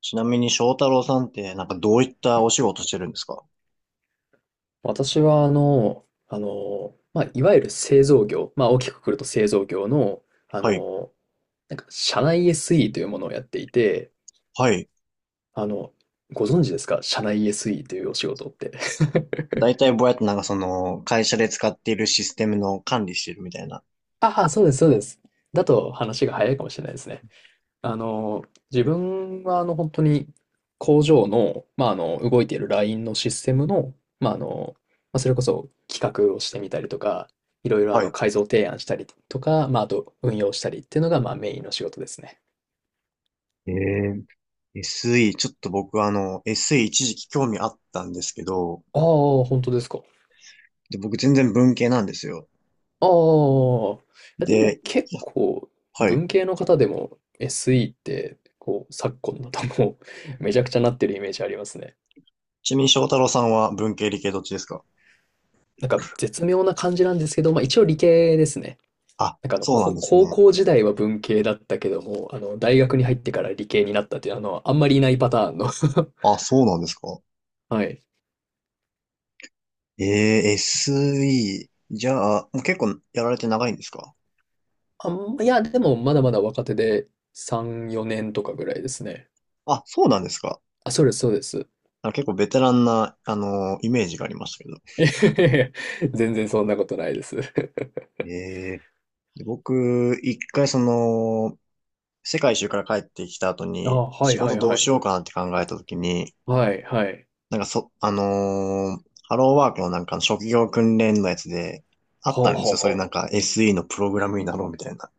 ちなみに翔太郎さんってなんかどういったお仕事してるんですか？私は、まあ、いわゆる製造業、まあ、大きくくると製造業の、あはい。の、なんか、社内 SE というものをやっていて、はい。あの、ご存知ですか社内 SE というお仕事って。だいたいぼやっとなんかその会社で使っているシステムの管理してるみたいな。ああ、そうです、そうです。だと話が早いかもしれないですね。あの、自分は本当に工場の、まあ、動いているラインのシステムの、まあ、まあ、それこそ企画をしてみたりとか、いろいろはい。改造提案したりとか、まあ、あと運用したりっていうのがまあメインの仕事ですね。えSE、ちょっと僕SE 一時期興味あったんですけど、ああ、本当ですか。で、僕全然文系なんですよ。ああ、いやでもで、結いや、構はい。文系の方でも SE ってこう昨今だともう めちゃくちゃなってるイメージありますね。ちなみに翔太郎さんは文系理系どっちですか？なんか絶妙な感じなんですけど、まあ一応理系ですね。あ、なんかそうなんです高ね。校時代は文系だったけども、大学に入ってから理系になったっていう、あんまりいないパターンの あ、そうなんですか？はい。SE、じゃあ、もう結構やられて長いんですか？いや、でもまだまだ若手で3、4年とかぐらいですね。あ、そうなんですか？あ、そうです、そうです。あ、結構ベテランな、イメージがありましたけど。全然そんなことないです。ええ。で僕、一回その、世界一周から帰ってきた後 あ、に、は仕いは事いどはうしい。ようかなって考えた時に、はい、はい。なんかそ、あのーハローワークのなんかの職業訓練のやつで、あっはたあ、んはであ、すよ。そういうはなんか SE のプログラムになろうみたいな。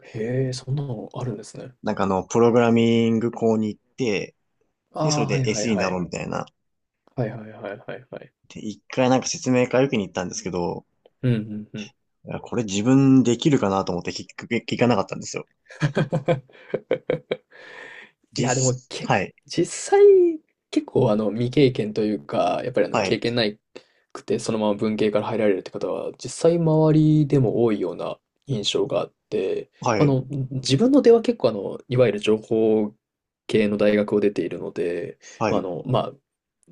あ。へえ、そんなのあるんですね。なんかプログラミング校に行って、で、そああ、れはで いはい SE にはなろい。うみたいな。はいはいはいはいはい。で、一回なんか説明会受けに行ったんですけど、うんうんうん。いやこれ自分できるかなと思って聞かなかったんですよ。いや、でもけ、はい、実際、結構未経験というか、やっぱりは経い、験ないくて、そのまま文系から入られるって方は、実際周りでも多いような印象があって、はあい、の、自分の出は結構いわゆる情報系の大学を出ているので、はまあ、い。まあ、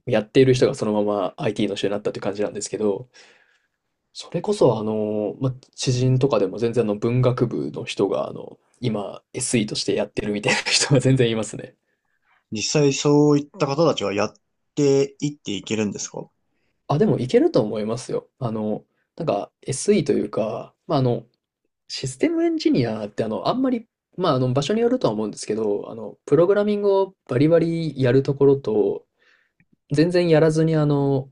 やっている人がそのまま IT の人になったって感じなんですけど、それこそまあ、知人とかでも全然文学部の人が今 SE としてやってるみたいな人が全然いますね。実際そういった方たちはやっていっていけるんですか？あ、でもいけると思いますよ。なんか SE というか、まあ、システムエンジニアってあんまり、まあ、場所によるとは思うんですけど、プログラミングをバリバリやるところと、全然やらずに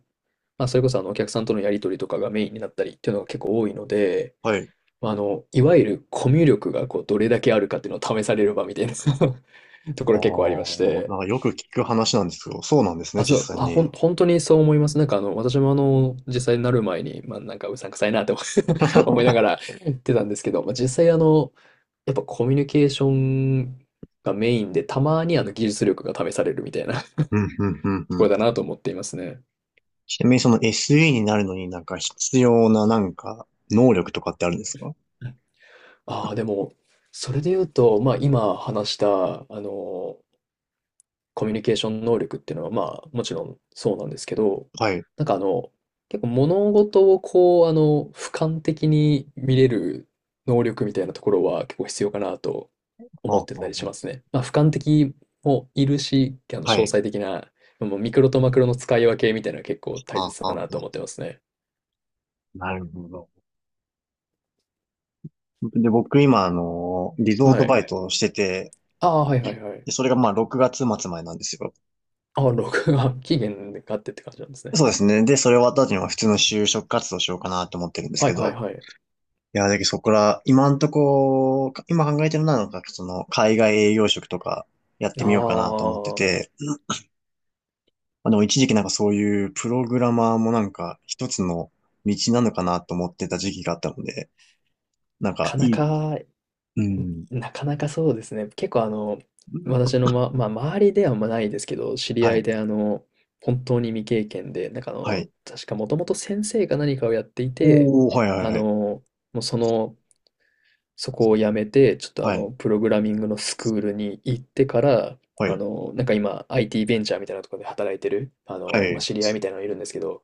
まあ、それこそお客さんとのやり取りとかがメインになったりっていうのが結構多いので、はい。まあ、いわゆるコミュ力がこう、どれだけあるかっていうのを試される場みたいな とこあろ結構ありましあ、て、なんかよく聞く話なんですけど、そうなんですね、実際に。本当にそう思います。なんか私も実際になる前に、まあなんかうさんくさいなって 思いながら言ってたんですけど、まあ実際やっぱコミュニケーションがメインで、たまに技術力が試されるみたいな とうん、うん、うん、うこん。ろだなと思っていますね。ちなみにその SE になるのになんか必要ななんか能力とかってあるんですか？ああ、でも、それで言うと、まあ今話した、コミュニケーション能力っていうのは、まあ、もちろんそうなんですけど、はい。なんか結構物事をこう、俯瞰的に見れる能力みたいなところは結構必要かなと思あってたあ、りあしあ、ますね。まあ、俯瞰的もいるし、詳はい。細的な、もうミクロとマクロの使い分けみたいなの結構大あ切あ、あだなとあ、思ってますね。なるほど。で、僕今リゾーはトバい。イトをしてて、ああ、はいはいはい。で、それがまあ6月末までなんですよ。ああ、録画、期限があってって感じなんですね。そうですね。で、それ終わった後にも普通の就職活動しようかなと思ってるんですはけいど。ははいい。はい。いや、だけどそこら、今んとこ、今考えてるのは、なんかその、海外営業職とかやっあてみようかなと思ってあ、て、まあ、でも一時期なんかそういうプログラマーもなんか一つの道なのかなと思ってた時期があったので、なんなかかないい、かうん、なかなかそうですね。結構私のまあ、周りではまあないですけど、知りは合いい、で本当に未経験で、なんかはい。確かもともと先生が何かをやっていて、おー、はい、はい、はい、もうその、そこを辞めて、ちょっとはい、プログラミングのスクールに行ってから、はい、なんか今、IT ベンチャーみたいなところで働いてる、はまあ、い。知り合いみたいなのがいるんですけど、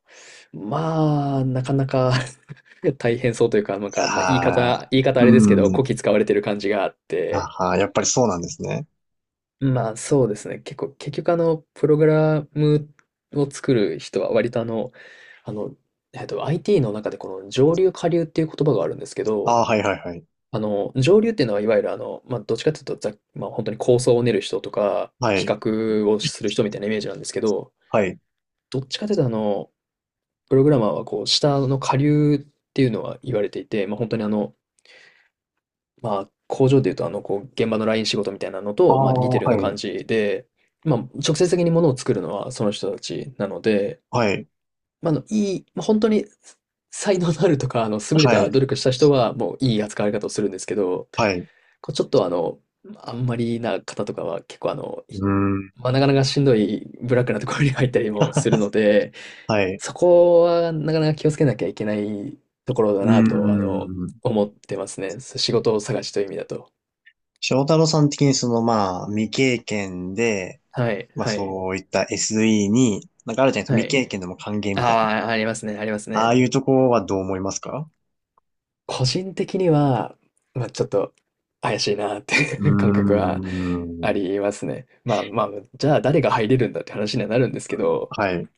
まあ、なかなか 大変そうというか、なんか、まあ、あー、言い方あれですけど、うん、こき使われてる感じがあって、あー、やっぱりそうなんですね。まあそうですね。結構、結局プログラムを作る人は割とあの、IT の中でこの上流下流っていう言葉があるんですけど、あー、はい、はい、はい、上流っていうのはいわゆるまあどっちかっていうとまあ本当に構想を練る人とか、はい、企画をする人みたいなイメージなんですけど、はい。どっちかっていうとプログラマーはこう、下の下流っていうのは言われていて、まあ本当にまあ、工場でいうと、こう、現場のライン仕事みたいなのああ、と、まあ、似てるようなは感い、じで、まあ、直接的にものを作るのはその人たちなので、はい、まあ、あの、いい、まあ、本当に才能のあるとか、優れはたい、努力した人は、もういい扱われ方をするんですけど、はい、うこうちょっとあんまりな方とかは結構ーん、まあ、なかなかしんどいブラックなところに入ったりもするので、はい、そこはなかなか気をつけなきゃいけないところだなうと、ーん。思ってますね。仕事を探しという意味だと。翔太郎さん的にまあ、未経験で、はい、まあ、はい。そういった SE に、なんかあるじゃないですか、は未い。経験でも還元あみたいな。あ、ありますね、ありますああね。いうとこはどう思いますか？個人的には、まあ、ちょっと怪しいなってうーいう 感覚はあん、りますね。まあまあ、じゃあ誰が入れるんだって話にはなるんですけど、はい、う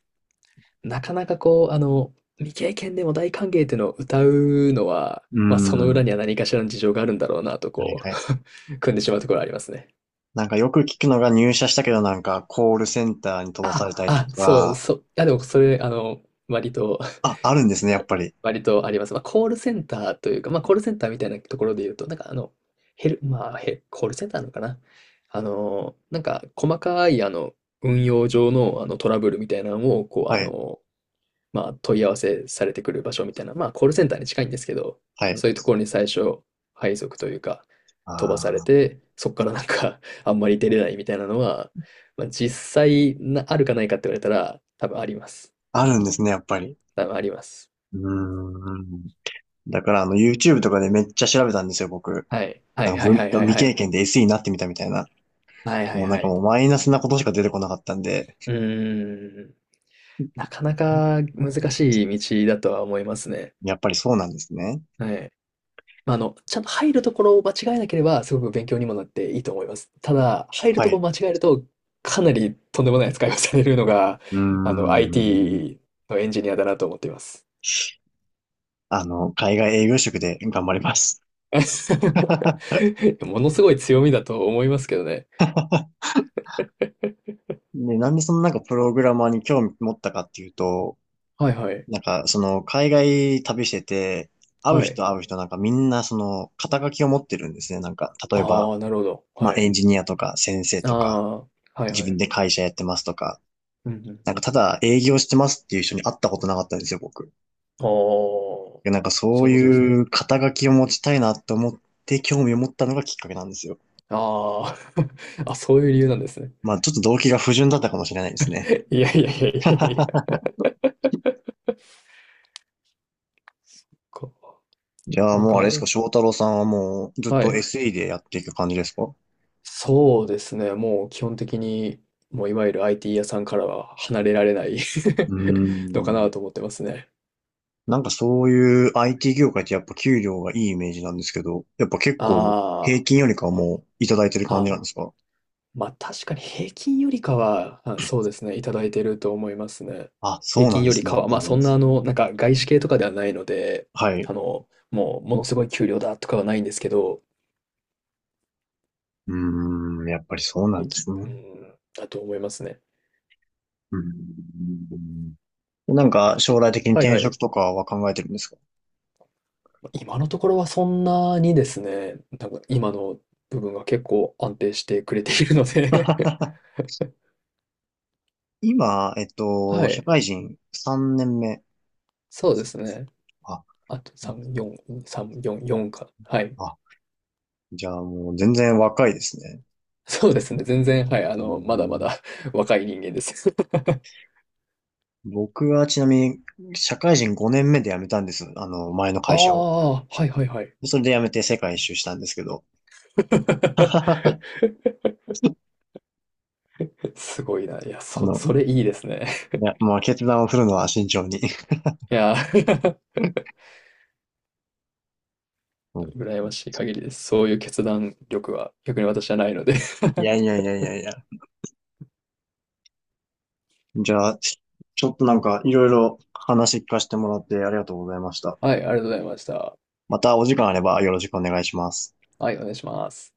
なかなかこう、未経験でも大歓迎っていうのを歌うのは、ーまあその裏ん、には何かしらの事情があるんだろうなとはい、こはい。う、組んでしまうところはありますね。なんかよく聞くのが入社したけどなんかコールセンターに飛ばさあ、れたりとあ、そう、か、そう、いやでもそれ、割とあ、あるんですね、やっぱり。割とあります。まあ、コールセンターというか、まあ、コールセンターみたいなところで言うと、なんかあの、ヘル、まあ、ヘ、コールセンターなのかな。なんか、細かい、運用上の、トラブルみたいなのを、こう、はい、まあ、問い合わせされてくる場所みたいな、まあ、コールセンターに近いんですけど、はい。そういうところに最初、配属というか、あ飛ばされあ、て、そこからなんか あんまり出れないみたいなのは、まあ、実際な、あるかないかって言われたら、多分あります。あるんですね、やっぱり。多分あります。うーん。だから、YouTube とかでめっちゃ調べたんですよ、僕。はい。はないんかはいはいはい未は経い。験で SE になってみたみたいな。はいはいもうなんはかい。もうマイナスなことしか出てこなかったんで、うーん。なかなか難しい道だとは思いますね。やっぱりそうなんですね。はい。まあ、ちゃんと入るところを間違えなければ、すごく勉強にもなっていいと思います。ただ、入るはところをい。間違えると、かなりとんでもない扱いをされるのが、うーん。IT のエンジニアだなと思っています。海外営業職で頑張ります。ものすごい強みだと思いますけどね。で、なんでそのなんかプログラマーに興味持ったかっていうと、はいはい。なんかその海外旅してて、会うはい。人会う人なんかみんなその肩書きを持ってるんですね。なんか、例えあば、あ、なるほど。まはあエい。ンジニアとか先生あとか、あ、はい自は分い。で会社やってますとか、うんうんうん。なんかただ営業してますっていう人に会ったことなかったんですよ、僕。いああ、やなんかそそうういうことですね。いう肩書きを持ちたいなと思って興味を持ったのがきっかけなんですよ。ああ、あ、そういう理由なんですね。まあちょっと動機が不純だったかもしれないですね。いやいやいやいやいや こじゃう、あなもうかあなれか、ですか、え、翔太郎さんはもうずっはと い。SE でやっていく感じですか？うそうですね、もう基本的に、もういわゆる IT 屋さんからは離れられない ー のかなとん。思ってますね。なんかそういう IT 業界ってやっぱ給料がいいイメージなんですけど、やっぱ結構平あ均よりかはもういただいてるあ、感じなあ、んですか？まあ確かに平均よりかは、あ、そうですね、いただいてると思いますね。あ、平そうな均んでよすりね、かやっは、まぱあそり。んななんか外資系とかではないので、はい。もうものすごい給料だとかはないんですけど、うーん、やっぱりそうなん平で均、すうね。ん、だと思いますね。うん。なんか、将し、来的にはい転はい。職とかは考えてるんですか？ 今のところはそんなにですね、なんか今の部分が結構安定してくれているので 今、は社い。会人3年目。そうですね。あ、あと3、4、3、4、4か。はい。あ、じゃあもう全然若いですね。そうですね。全然、はい。うまだまーん。だ 若い人間です 僕はちなみに、社会人5年目で辞めたんです。前の あ会社を。あ、はいはいはい。それで辞めて世界一周したんですけど。あ すごいな。いや、の、それいいですね。いや、もう決断を振るのは慎重に。いや、うん。羨ましい限りです。そういう決断力は逆に私はないので いやいやいやいやいや。じゃあ、ちょっとなんかいろいろ話聞かせてもらってありがとうございました。はい、ありがとうございました。またお時間あればよろしくお願いします。はい、お願いします。